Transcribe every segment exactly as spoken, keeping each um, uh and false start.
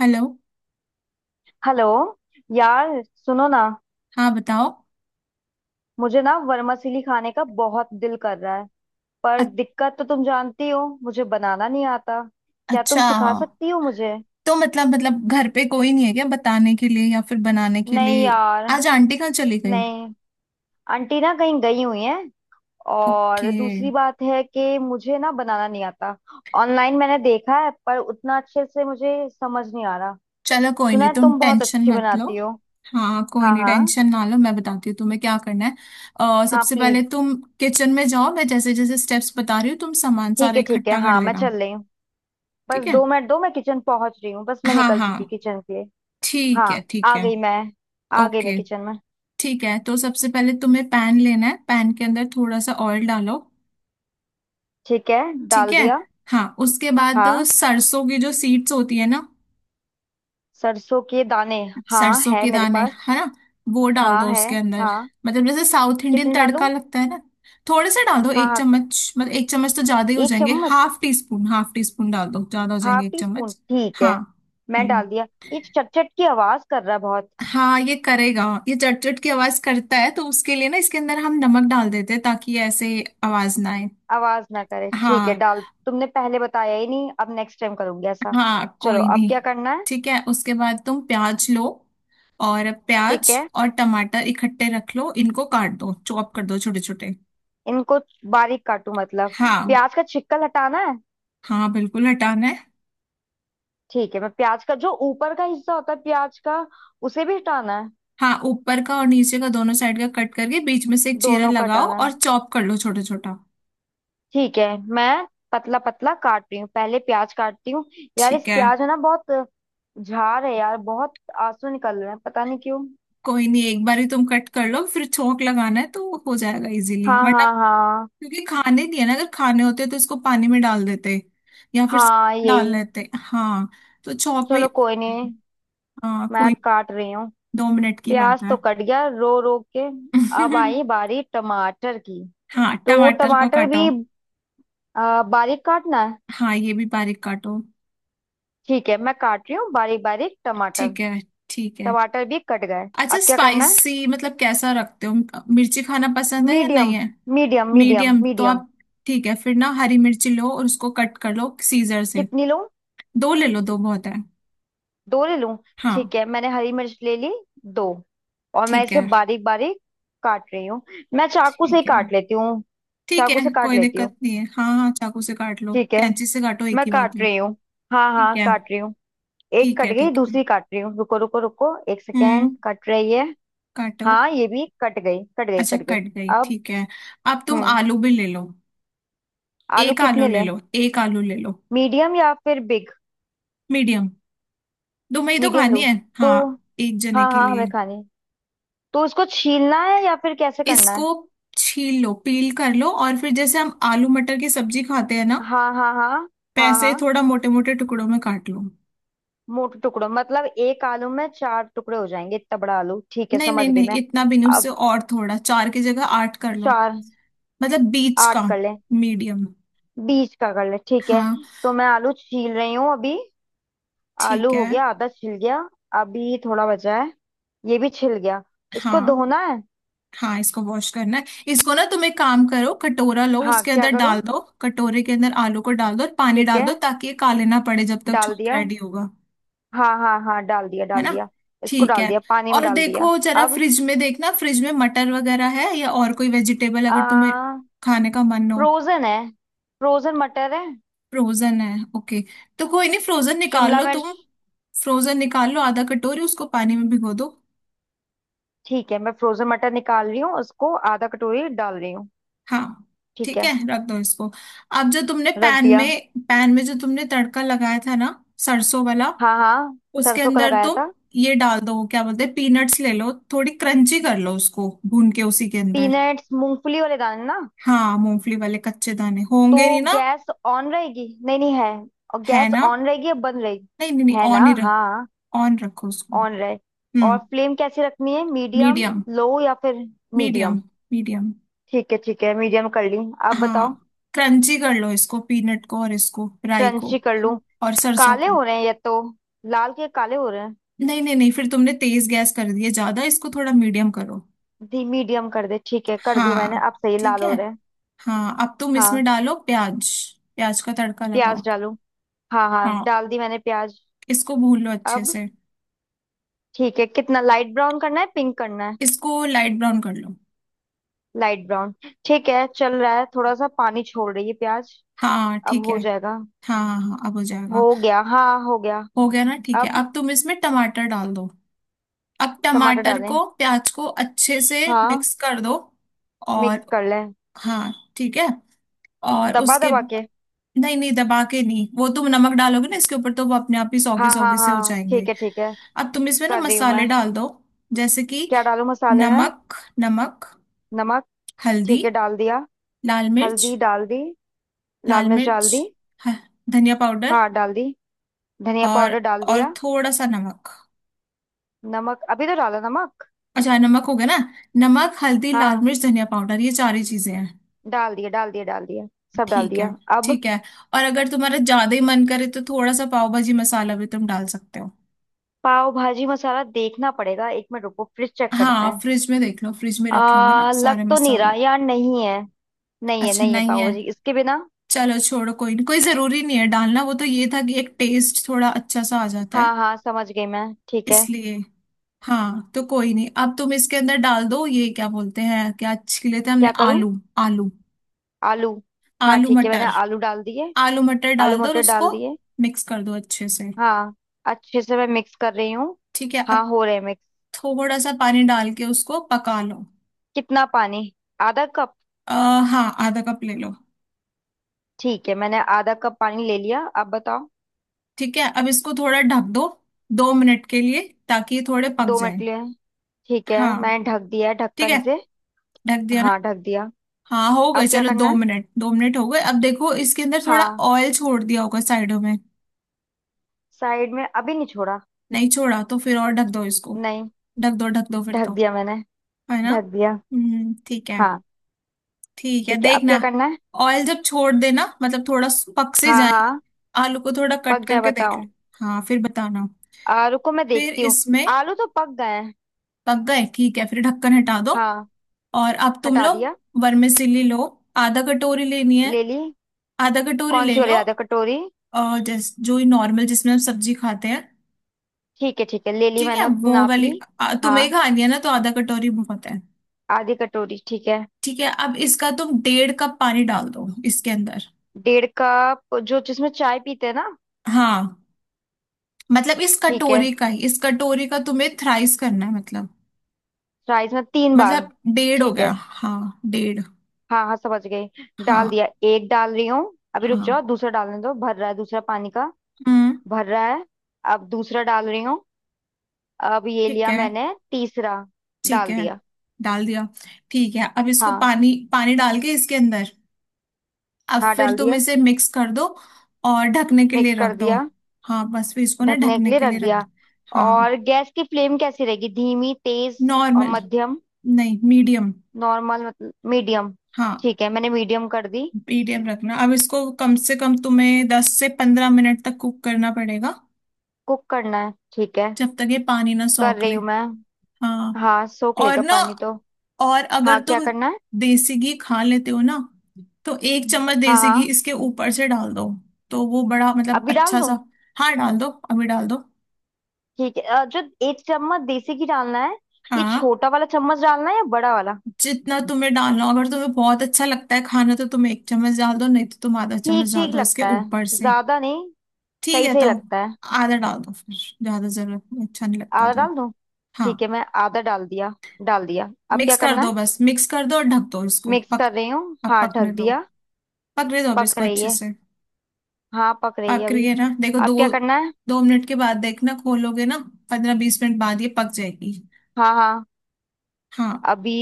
Hello. Hello. यार सुनो ना। हाँ, बताओ। मुझे ना वर्मासिली खाने का बहुत दिल कर रहा है। पर अ- दिक्कत तो तुम जानती हो, मुझे बनाना नहीं आता। क्या तुम अच्छा। सिखा सकती हो मुझे? तो मतलब मतलब घर पे कोई नहीं है क्या, बताने के लिए या फिर बनाने के नहीं लिए? यार। आज आंटी कहाँ चली गई? नहीं। आंटी ना कहीं गई हुई है। ओके। और दूसरी बात है कि मुझे ना बनाना नहीं आता। ऑनलाइन मैंने देखा है पर उतना अच्छे से मुझे समझ नहीं आ रहा। चलो, कोई सुना नहीं, है तुम तुम बहुत टेंशन अच्छी मत लो। बनाती हो। हाँ, कोई हाँ नहीं, हाँ। टेंशन ना लो, मैं बताती हूँ तुम्हें क्या करना है। अ, हाँ सबसे प्लीज। पहले तुम किचन में जाओ, मैं जैसे जैसे स्टेप्स बता रही हूँ तुम सामान ठीक सारा है ठीक है, इकट्ठा कर हाँ मैं लेना। चल रही हूँ। बस ठीक है। दो मिनट दो, मैं किचन पहुंच रही हूँ। बस मैं हाँ, निकल हाँ। चुकी किचन के लिए। हाँ ठीक है। ठीक आ है। गई मैं। आ गई मैं ओके। किचन में। ठीक है, तो सबसे पहले तुम्हें पैन लेना है, पैन के अंदर थोड़ा सा ऑयल डालो। ठीक है, ठीक डाल है। दिया। हाँ, उसके बाद हाँ, सरसों की जो सीड्स होती है ना, सरसों के दाने। हाँ सरसों है के मेरे दाने पास। है ना, वो डाल हाँ दो है। उसके अंदर। हाँ मतलब जैसे साउथ इंडियन कितने डालूं? तड़का लगता है ना। थोड़े से डाल दो। हाँ एक हाँ चम्मच मतलब, एक चम्मच तो ज्यादा ही हो एक जाएंगे। चम्मच half teaspoon, half teaspoon डाल दो, ज्यादा हो जाएंगे हाफ एक टी स्पून चम्मच। ठीक हाँ। है। मैं हम्म। डाल दिया। ये चटचट की आवाज कर रहा है बहुत। हाँ, ये करेगा, ये चटचट की आवाज करता है, तो उसके लिए ना इसके अंदर हम नमक डाल देते हैं, ताकि ये ऐसे आवाज ना आए। आवाज ना करे ठीक है। हाँ। डाल तुमने पहले बताया ही नहीं, अब नेक्स्ट टाइम करूंगी ऐसा। हाँ, चलो कोई अब नहीं। क्या करना है? ठीक है, उसके बाद तुम प्याज लो, और ठीक प्याज है। और टमाटर इकट्ठे रख लो, इनको काट दो, चॉप कर दो, छोटे छोटे। इनको बारीक काटू मतलब? हाँ, प्याज का छिकल हटाना है? हाँ, बिल्कुल हटाना है। ठीक है। मैं प्याज का जो ऊपर का हिस्सा होता है प्याज का, उसे भी हटाना है? हाँ, ऊपर का और नीचे का दोनों साइड का कट करके बीच में से एक चीरा दोनों का लगाओ, हटाना है? और चॉप कर लो छोटा छोटा। ठीक है। मैं पतला पतला काट रही हूँ, पहले प्याज काटती हूँ। यार इस ठीक है, प्याज है ना बहुत, झार है यार बहुत। आंसू निकल रहे हैं, पता नहीं क्यों। कोई नहीं, एक बार ही तुम कट कर लो, फिर छोंक लगाना है तो हो जाएगा इजीली, हाँ वरना, हाँ हाँ। क्योंकि खाने नहीं है ना, अगर खाने होते तो इसको पानी में डाल देते, या फिर हाँ डाल यही। लेते। हाँ। तो चौक में। चलो कोई नहीं, हाँ, मैं कोई, काट रही हूँ। दो मिनट की बात प्याज तो है। कट गया रो रो के। अब आई बारी टमाटर की। हाँ, तो टमाटर को टमाटर काटो। भी आ, बारीक काटना है। हाँ, ये भी बारीक काटो। ठीक है मैं काट रही हूँ बारीक बारीक टमाटर। ठीक है। ठीक है। टमाटर भी कट गए। अच्छा, अब क्या करना है? स्पाइसी मतलब कैसा रखते हो? मिर्ची खाना पसंद है या नहीं मीडियम। है? मीडियम मीडियम मीडियम तो मीडियम। आप, ठीक है, फिर ना हरी मिर्ची लो और उसको कट कर लो सीजर से। कितनी लूं? दो ले लो, दो बहुत है। दो ले लूं? हाँ। ठीक है मैंने हरी मिर्च ले ली, दो। और मैं ठीक इसे है। बारीक बारीक काट रही हूँ। मैं चाकू से ही ठीक है। काट लेती हूँ। ठीक है। चाकू से काट कोई लेती हूँ। दिक्कत नहीं है, हाँ, हाँ, चाकू से काट लो, ठीक है कैंची से काटो, एक मैं ही बात काट है। रही हूँ। हाँ ठीक हाँ है। काट रही हूँ। एक ठीक है। कट गई, ठीक है। दूसरी काट रही हूँ। रुको रुको रुको, एक सेकेंड, हम्म। कट रही है। काटो। हाँ ये भी कट गई, कट गई, अच्छा, कट गई। कट गई, अब। ठीक है। अब तुम हम्म। आलू भी ले लो। आलू एक आलू कितने ले लें? लो, एक आलू ले लो। मीडियम या फिर बिग? मीडियम। तुम्हें ही तो मीडियम खानी लूं? है। तो हाँ, एक जने हाँ के हाँ लिए। हमें खानी। तो उसको छीलना है या फिर कैसे करना है? इसको छील लो, पील कर लो, और फिर जैसे हम आलू मटर की सब्जी खाते हैं ना, हाँ हाँ हाँ। हाँ वैसे ही हाँ। थोड़ा मोटे मोटे टुकड़ों में काट लो। मोटे टुकड़ों मतलब एक आलू में चार टुकड़े हो जाएंगे? इतना बड़ा आलू? ठीक है नहीं, नहीं, समझ गई नहीं, मैं। इतना भी नहीं, उससे अब और थोड़ा, चार की जगह आठ कर लो। चार, मतलब बीच आठ का, कर ले? मीडियम। बीच का कर ले ठीक है। हाँ। तो मैं आलू छील रही हूँ अभी। ठीक आलू हो है। गया, आधा छिल गया। अभी थोड़ा बचा है। ये भी छिल गया। इसको हाँ, धोना है? हाँ, इसको वॉश करना है। इसको ना तुम एक काम करो, कटोरा लो, हाँ उसके क्या अंदर डाल करूँ? दो, कटोरे के अंदर आलू को डाल दो और पानी ठीक डाल है दो, ताकि ये काले ना पड़े जब तक डाल छोंक दिया। रेडी होगा। हाँ हाँ हाँ डाल दिया है डाल ना? दिया। इसको ठीक है। डाल दिया, पानी में और डाल दिया। देखो जरा, अब फ्रिज में देखना, फ्रिज में मटर वगैरह है या और कोई वेजिटेबल आ अगर तुम्हें खाने का मन हो। फ्रोजन है। फ्रोजन मटर है। फ्रोजन है, ओके। तो कोई नहीं, फ्रोजन निकाल शिमला लो मिर्च। तुम, फ्रोजन निकाल लो आधा कटोरी, उसको पानी में भिगो दो। ठीक है मैं फ्रोजन मटर निकाल रही हूँ, उसको आधा कटोरी डाल रही हूँ। हाँ। ठीक ठीक है, है रख दो इसको। अब जो तुमने रख पैन दिया। में पैन में जो तुमने तड़का लगाया था ना, सरसों वाला, हाँ हाँ, उसके सरसों का अंदर लगाया तुम था। ये डाल दो, क्या बोलते हैं, पीनट्स ले लो, थोड़ी क्रंची कर लो उसको भून के उसी के अंदर। पीनट्स मूंगफली वाले दाने ना? हाँ, मूंगफली वाले कच्चे दाने तो होंगे नहीं ना? गैस ऑन रहेगी? नहीं नहीं है। और है गैस ना? ऑन रहेगी या बंद रहेगी? नहीं, नहीं, नहीं, है ना ऑन ही रख, हाँ। ऑन रखो उसको। ऑन रहे। और हम्म। फ्लेम कैसी रखनी है? Medium medium. लो या फिर? मीडियम। मीडियम। मीडियम। ठीक है ठीक है मीडियम कर ली। आप हाँ। बताओ। क्रंची कर लो इसको, पीनट को और इसको, राई को। क्रंची कर हाँ, लूं? और सरसों काले को। हो रहे हैं ये तो। लाल के काले हो रहे हैं। नहीं, नहीं, नहीं, फिर तुमने तेज गैस कर दिया ज्यादा, इसको थोड़ा मीडियम करो। दी मीडियम कर दे, ठीक है कर दी मैंने, हाँ। अब सही ठीक लाल है। हो रहे हैं। हाँ, अब तुम इसमें हाँ डालो प्याज, प्याज का तड़का लगाओ। प्याज डालूं? हाँ हाँ हाँ, डाल दी मैंने प्याज। इसको भून लो अच्छे अब से। ठीक है। कितना लाइट ब्राउन करना है, पिंक करना है? इसको लाइट ब्राउन कर लो। लाइट ब्राउन ठीक है। चल रहा है, थोड़ा सा पानी छोड़ रही है प्याज। हाँ, अब ठीक है। हो जाएगा। हाँ, हाँ, हाँ, अब हो जाएगा। हो गया हाँ हो गया। हो गया ना? ठीक है, अब अब तुम इसमें टमाटर डाल दो। अब टमाटर टमाटर डालें? को प्याज को अच्छे से हाँ मिक्स कर दो, मिक्स और, कर लें। हाँ, ठीक है, और दबा उसके, दबा के? नहीं, नहीं, दबा के नहीं, वो तुम नमक डालोगे ना इसके ऊपर, तो वो अपने आप ही सौगी हाँ हाँ सौगी से हो हाँ, जाएंगे। ठीक है ठीक है। अब तुम इसमें ना कर रही हूँ मसाले मैं। डाल दो, जैसे कि क्या डालूं मसाले में? नमक। नमक। नमक? हल्दी। ठीक है डाल दिया। लाल मिर्च। हल्दी डाल दी। लाल लाल मिर्च मिर्च। डाल दी। ह- धनिया पाउडर। हाँ डाल दी, धनिया और पाउडर डाल और दिया। थोड़ा सा नमक। नमक अभी तो डाला नमक। अच्छा, नमक हो गया ना? नमक, हल्दी, लाल हाँ मिर्च, धनिया पाउडर, ये चार ही चीजें हैं। डाल दिया, डाल दिया, डाल दिया। सब डाल ठीक है। दिया। अब ठीक है। और अगर तुम्हारा ज्यादा ही मन करे तो थोड़ा सा पाव भाजी मसाला भी तुम डाल सकते हो। पाव भाजी मसाला देखना पड़ेगा, एक मिनट रुको, फ्रिज चेक करते हाँ, हैं। फ्रिज में देख लो, फ्रिज में रखे होंगे ना आ लग सारे तो नहीं रहा मसाले। यार, नहीं है। नहीं है अच्छा, नहीं है, नहीं पाव है। भाजी इसके बिना। चलो छोड़ो, कोई नहीं, कोई जरूरी नहीं है डालना, वो तो ये था कि एक टेस्ट थोड़ा अच्छा सा आ जाता है, हाँ हाँ समझ गई मैं। ठीक है। इसलिए। हाँ, तो कोई नहीं, अब तुम इसके अंदर डाल दो ये, क्या बोलते हैं, क्या छिले थे हमने? क्या करूँ? आलू। आलू। आलू। हाँ आलू ठीक है मैंने मटर। आलू डाल दिए। आलू मटर आलू डाल दो और मटर डाल उसको दिए। मिक्स कर दो अच्छे से। हाँ अच्छे से मैं मिक्स कर रही हूँ। ठीक है। अब हाँ हो रहे मिक्स। थोड़ा सा पानी डाल के उसको पका लो। कितना पानी? आधा कप? आ, हाँ, आधा कप ले लो। ठीक है मैंने आधा कप पानी ले लिया, अब बताओ। ठीक है, अब इसको थोड़ा ढक दो, दो मिनट के लिए, ताकि ये थोड़े पक दो जाए। मटलियाँ। ठीक है हाँ। मैंने ढक दिया है ठीक ढक्कन है, से। ढक दिया ना? हाँ ढक दिया। हाँ, हो गए। अब क्या चलो, दो करना है? मिनट, दो मिनट हो गए, अब देखो इसके अंदर थोड़ा हाँ, ऑयल छोड़ दिया होगा साइडों में। साइड में अभी नहीं छोड़ा। नहीं छोड़ा? तो फिर और ढक दो इसको, नहीं, ढक दो, ढक दो फिर ढक तो, दिया मैंने। है ना? ढक दिया। हम्म। ठीक है। हाँ ठीक है, ठीक है। अब देखना। क्या करना है? ऑयल जब छोड़ देना मतलब थोड़ा स- पक से हाँ जाएंगे, हाँ। आलू को थोड़ा पक कट जाए करके देख लो। बताओ। हाँ, फिर बताना। आलू को मैं फिर देखती हूँ। इसमें, आलू तो पक गए हैं। पक गए? ठीक है, फिर ढक्कन हटा दो। हाँ, और अब तुम हटा लोग दिया। वर्मिसेली लो, आधा कटोरी लेनी है, ले ली। आधा कटोरी कौन ले सी वाली, लो। आधा कटोरी? और जैस जो नॉर्मल, जिसमें हम सब्जी खाते हैं। ठीक है ठीक है ले ली ठीक है, मैंने, उतनी वो नाप वाली। ली। आ, तुम्हें हाँ खानी है ना तो आधा कटोरी बहुत है। आधी कटोरी ठीक है। ठीक है, अब इसका तुम डेढ़ कप पानी डाल दो इसके अंदर। डेढ़ कप, जो जिसमें चाय पीते हैं ना? हाँ, मतलब इस ठीक है, कटोरी का ही, इस कटोरी का तुम्हें थ्राइस करना है, मतलब, राइस में तीन बार? मतलब डेढ़ हो ठीक गया, है हाँ, डेढ़। हाँ हाँ समझ गई। डाल हाँ। दिया, एक डाल रही हूँ। अभी रुक जाओ, हाँ। दूसरा डालने दो, भर रहा है दूसरा पानी का। हम्म। भर रहा है। अब दूसरा डाल रही हूँ। अब ये ठीक लिया है। मैंने तीसरा। ठीक डाल है, दिया। डाल दिया। ठीक है, अब इसको हाँ पानी, पानी डाल के इसके अंदर, अब हाँ फिर डाल तुम दिया। इसे मिक्स कर दो और ढकने के लिए मिक्स कर रख दो। दिया। हाँ, बस फिर इसको ना ढकने के ढकने लिए के रख लिए रख दिया। दो। और हाँ। गैस की फ्लेम कैसी रहेगी, धीमी, तेज? और नॉर्मल, मध्यम? नहीं, मीडियम। नॉर्मल मतलब मीडियम? हाँ, ठीक है मैंने मीडियम कर दी। मीडियम रखना, अब इसको कम से कम तुम्हें दस से पंद्रह मिनट तक कुक करना पड़ेगा, कुक करना है, ठीक है जब तक ये पानी ना कर सोख रही ले। हूँ मैं। हाँ। हाँ सोख और लेगा ना, पानी तो। और हाँ अगर क्या तुम करना है? देसी घी खा लेते हो ना, तो एक चम्मच हाँ देसी घी हाँ। इसके ऊपर से डाल दो, तो वो बड़ा मतलब अभी डाल अच्छा सा। दूँ? हाँ, डाल दो, अभी डाल दो। ठीक है अ, जो एक चम्मच देसी घी डालना है? ये हाँ, छोटा वाला चम्मच डालना है या बड़ा वाला? जितना तुम्हें डालना हो, अगर तुम्हें बहुत अच्छा लगता है खाना तो तुम एक चम्मच डाल दो, नहीं तो तुम आधा ठीक चम्मच डाल ठीक दो इसके लगता ऊपर है, से। ज्यादा नहीं। ठीक सही है, सही तो लगता है। आधा डाल दो फिर, ज्यादा जरूरत नहीं, अच्छा नहीं लगता आधा तो। डाल दूं? हाँ, ठीक है मैं आधा डाल दिया। डाल दिया, अब मिक्स क्या कर करना दो, है? बस मिक्स कर दो और ढक दो इसको मिक्स पक, कर रही हूँ। अब हाँ पकने ढक दो, दिया। पकने दो अब पक इसको रही अच्छे है। से। हाँ पक रही है पक रही अभी। है ना? देखो, अब दो क्या करना है? दो मिनट के बाद देखना, खोलोगे ना? पंद्रह बीस मिनट बाद ये पक जाएगी। हाँ हाँ। हाँ, अभी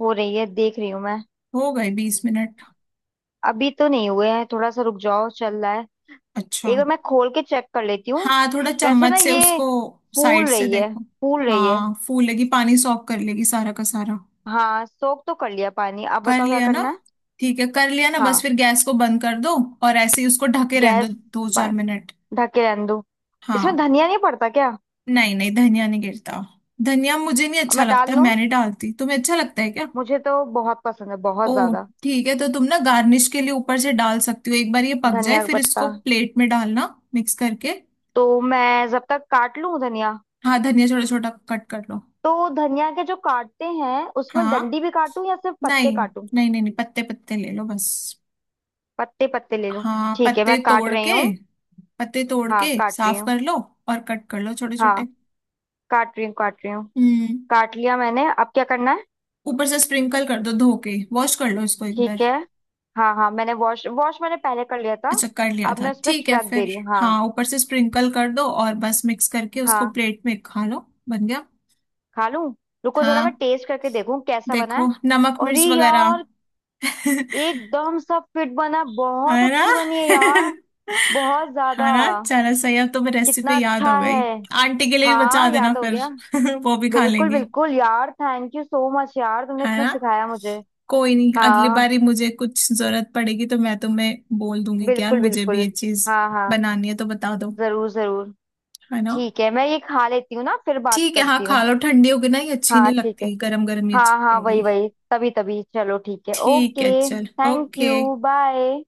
हो रही है, देख रही हूँ मैं। हो गए बीस मिनट? अभी तो नहीं हुए हैं, थोड़ा सा रुक जाओ, चल रहा है। अच्छा। एक बार मैं खोल के चेक कर लेती हूँ। हाँ, थोड़ा वैसे ना चम्मच से ये उसको साइड फूल से रही है, देखो। फूल रही है। हाँ, फूलेगी, पानी सॉक कर लेगी सारा का सारा। हाँ सोख तो कर लिया पानी, अब कर बताओ क्या लिया ना? करना है। ठीक है, कर लिया ना, बस हाँ। फिर गैस को बंद कर दो, और ऐसे ही उसको ढके रहने गैस दो दो चार ब- मिनट। ढक के रहने दो। हाँ। इसमें धनिया नहीं पड़ता क्या? नहीं, नहीं, धनिया नहीं गिरता, धनिया मुझे नहीं और अच्छा मैं डाल लगता, लूं? मैं नहीं डालती, तुम्हें अच्छा लगता है क्या? मुझे तो बहुत पसंद है, ओ, बहुत ज्यादा। ठीक है, तो तुम ना गार्निश के लिए ऊपर से डाल सकती हो, एक बार ये पक जाए धनिया का फिर इसको पत्ता? प्लेट में डालना, मिक्स करके। तो मैं जब तक काट लूं धनिया। हाँ, धनिया छोटा छोटा कट कर लो। तो धनिया के जो काटते हैं उसमें डंडी हाँ। भी काटूं या सिर्फ पत्ते नहीं, काटूं? नहीं, नहीं, नहीं, पत्ते पत्ते ले लो बस। पत्ते पत्ते ले लूं? हाँ, ठीक है पत्ते मैं काट तोड़ रही के, हूँ। पत्ते तोड़ हाँ के काट रही साफ हूँ। कर लो, और कट कर लो छोटे छोटे। हाँ काट रही हूँ, काट रही हूँ। हम्म। काट लिया मैंने, अब क्या करना है? ऊपर से स्प्रिंकल कर दो, धो के वॉश कर लो इसको एक बार। ठीक है। हाँ हाँ मैंने वॉश, वॉश मैंने पहले कर लिया था। अच्छा, कर लिया अब था, मैं उस पर ठीक है, छिड़क दे फिर, रही हूँ हाँ। हाँ, ऊपर से स्प्रिंकल कर दो और बस मिक्स करके उसको हाँ प्लेट में खा लो। बन गया। खा लूँ? रुको जरा मैं हाँ, टेस्ट करके देखूँ कैसा बना देखो है। नमक मिर्च अरे वगैरह। यार, एकदम सब फिट बना है, बहुत है ना? अच्छी बनी है यार। बहुत ज्यादा। है ना? चलो, सही, अब तुम्हें कितना रेसिपी याद हो अच्छा गई। है। आंटी के लिए भी बचा हाँ देना याद हो गया। फिर, वो भी खा बिल्कुल लेंगी। बिल्कुल यार, थैंक यू सो मच यार, तुमने है इतना ना? सिखाया मुझे। कोई नहीं, अगली हाँ, बारी मुझे कुछ जरूरत पड़ेगी तो मैं तुम्हें बोल दूंगी कि यार, बिल्कुल मुझे भी बिल्कुल। ये चीज हाँ हाँ। बनानी है तो बता दो। जरूर जरूर। है ना? ठीक है मैं ये खा लेती हूँ ना, फिर बात ठीक है, हाँ करती खा हूँ। लो, ठंडी होगी ना, ये अच्छी हाँ नहीं ठीक है। लगती, गरम गरम ही अच्छी हाँ हाँ वही लगेगी। वही तभी तभी, चलो ठीक है ठीक है, ओके। चल, थैंक ओके। You bye.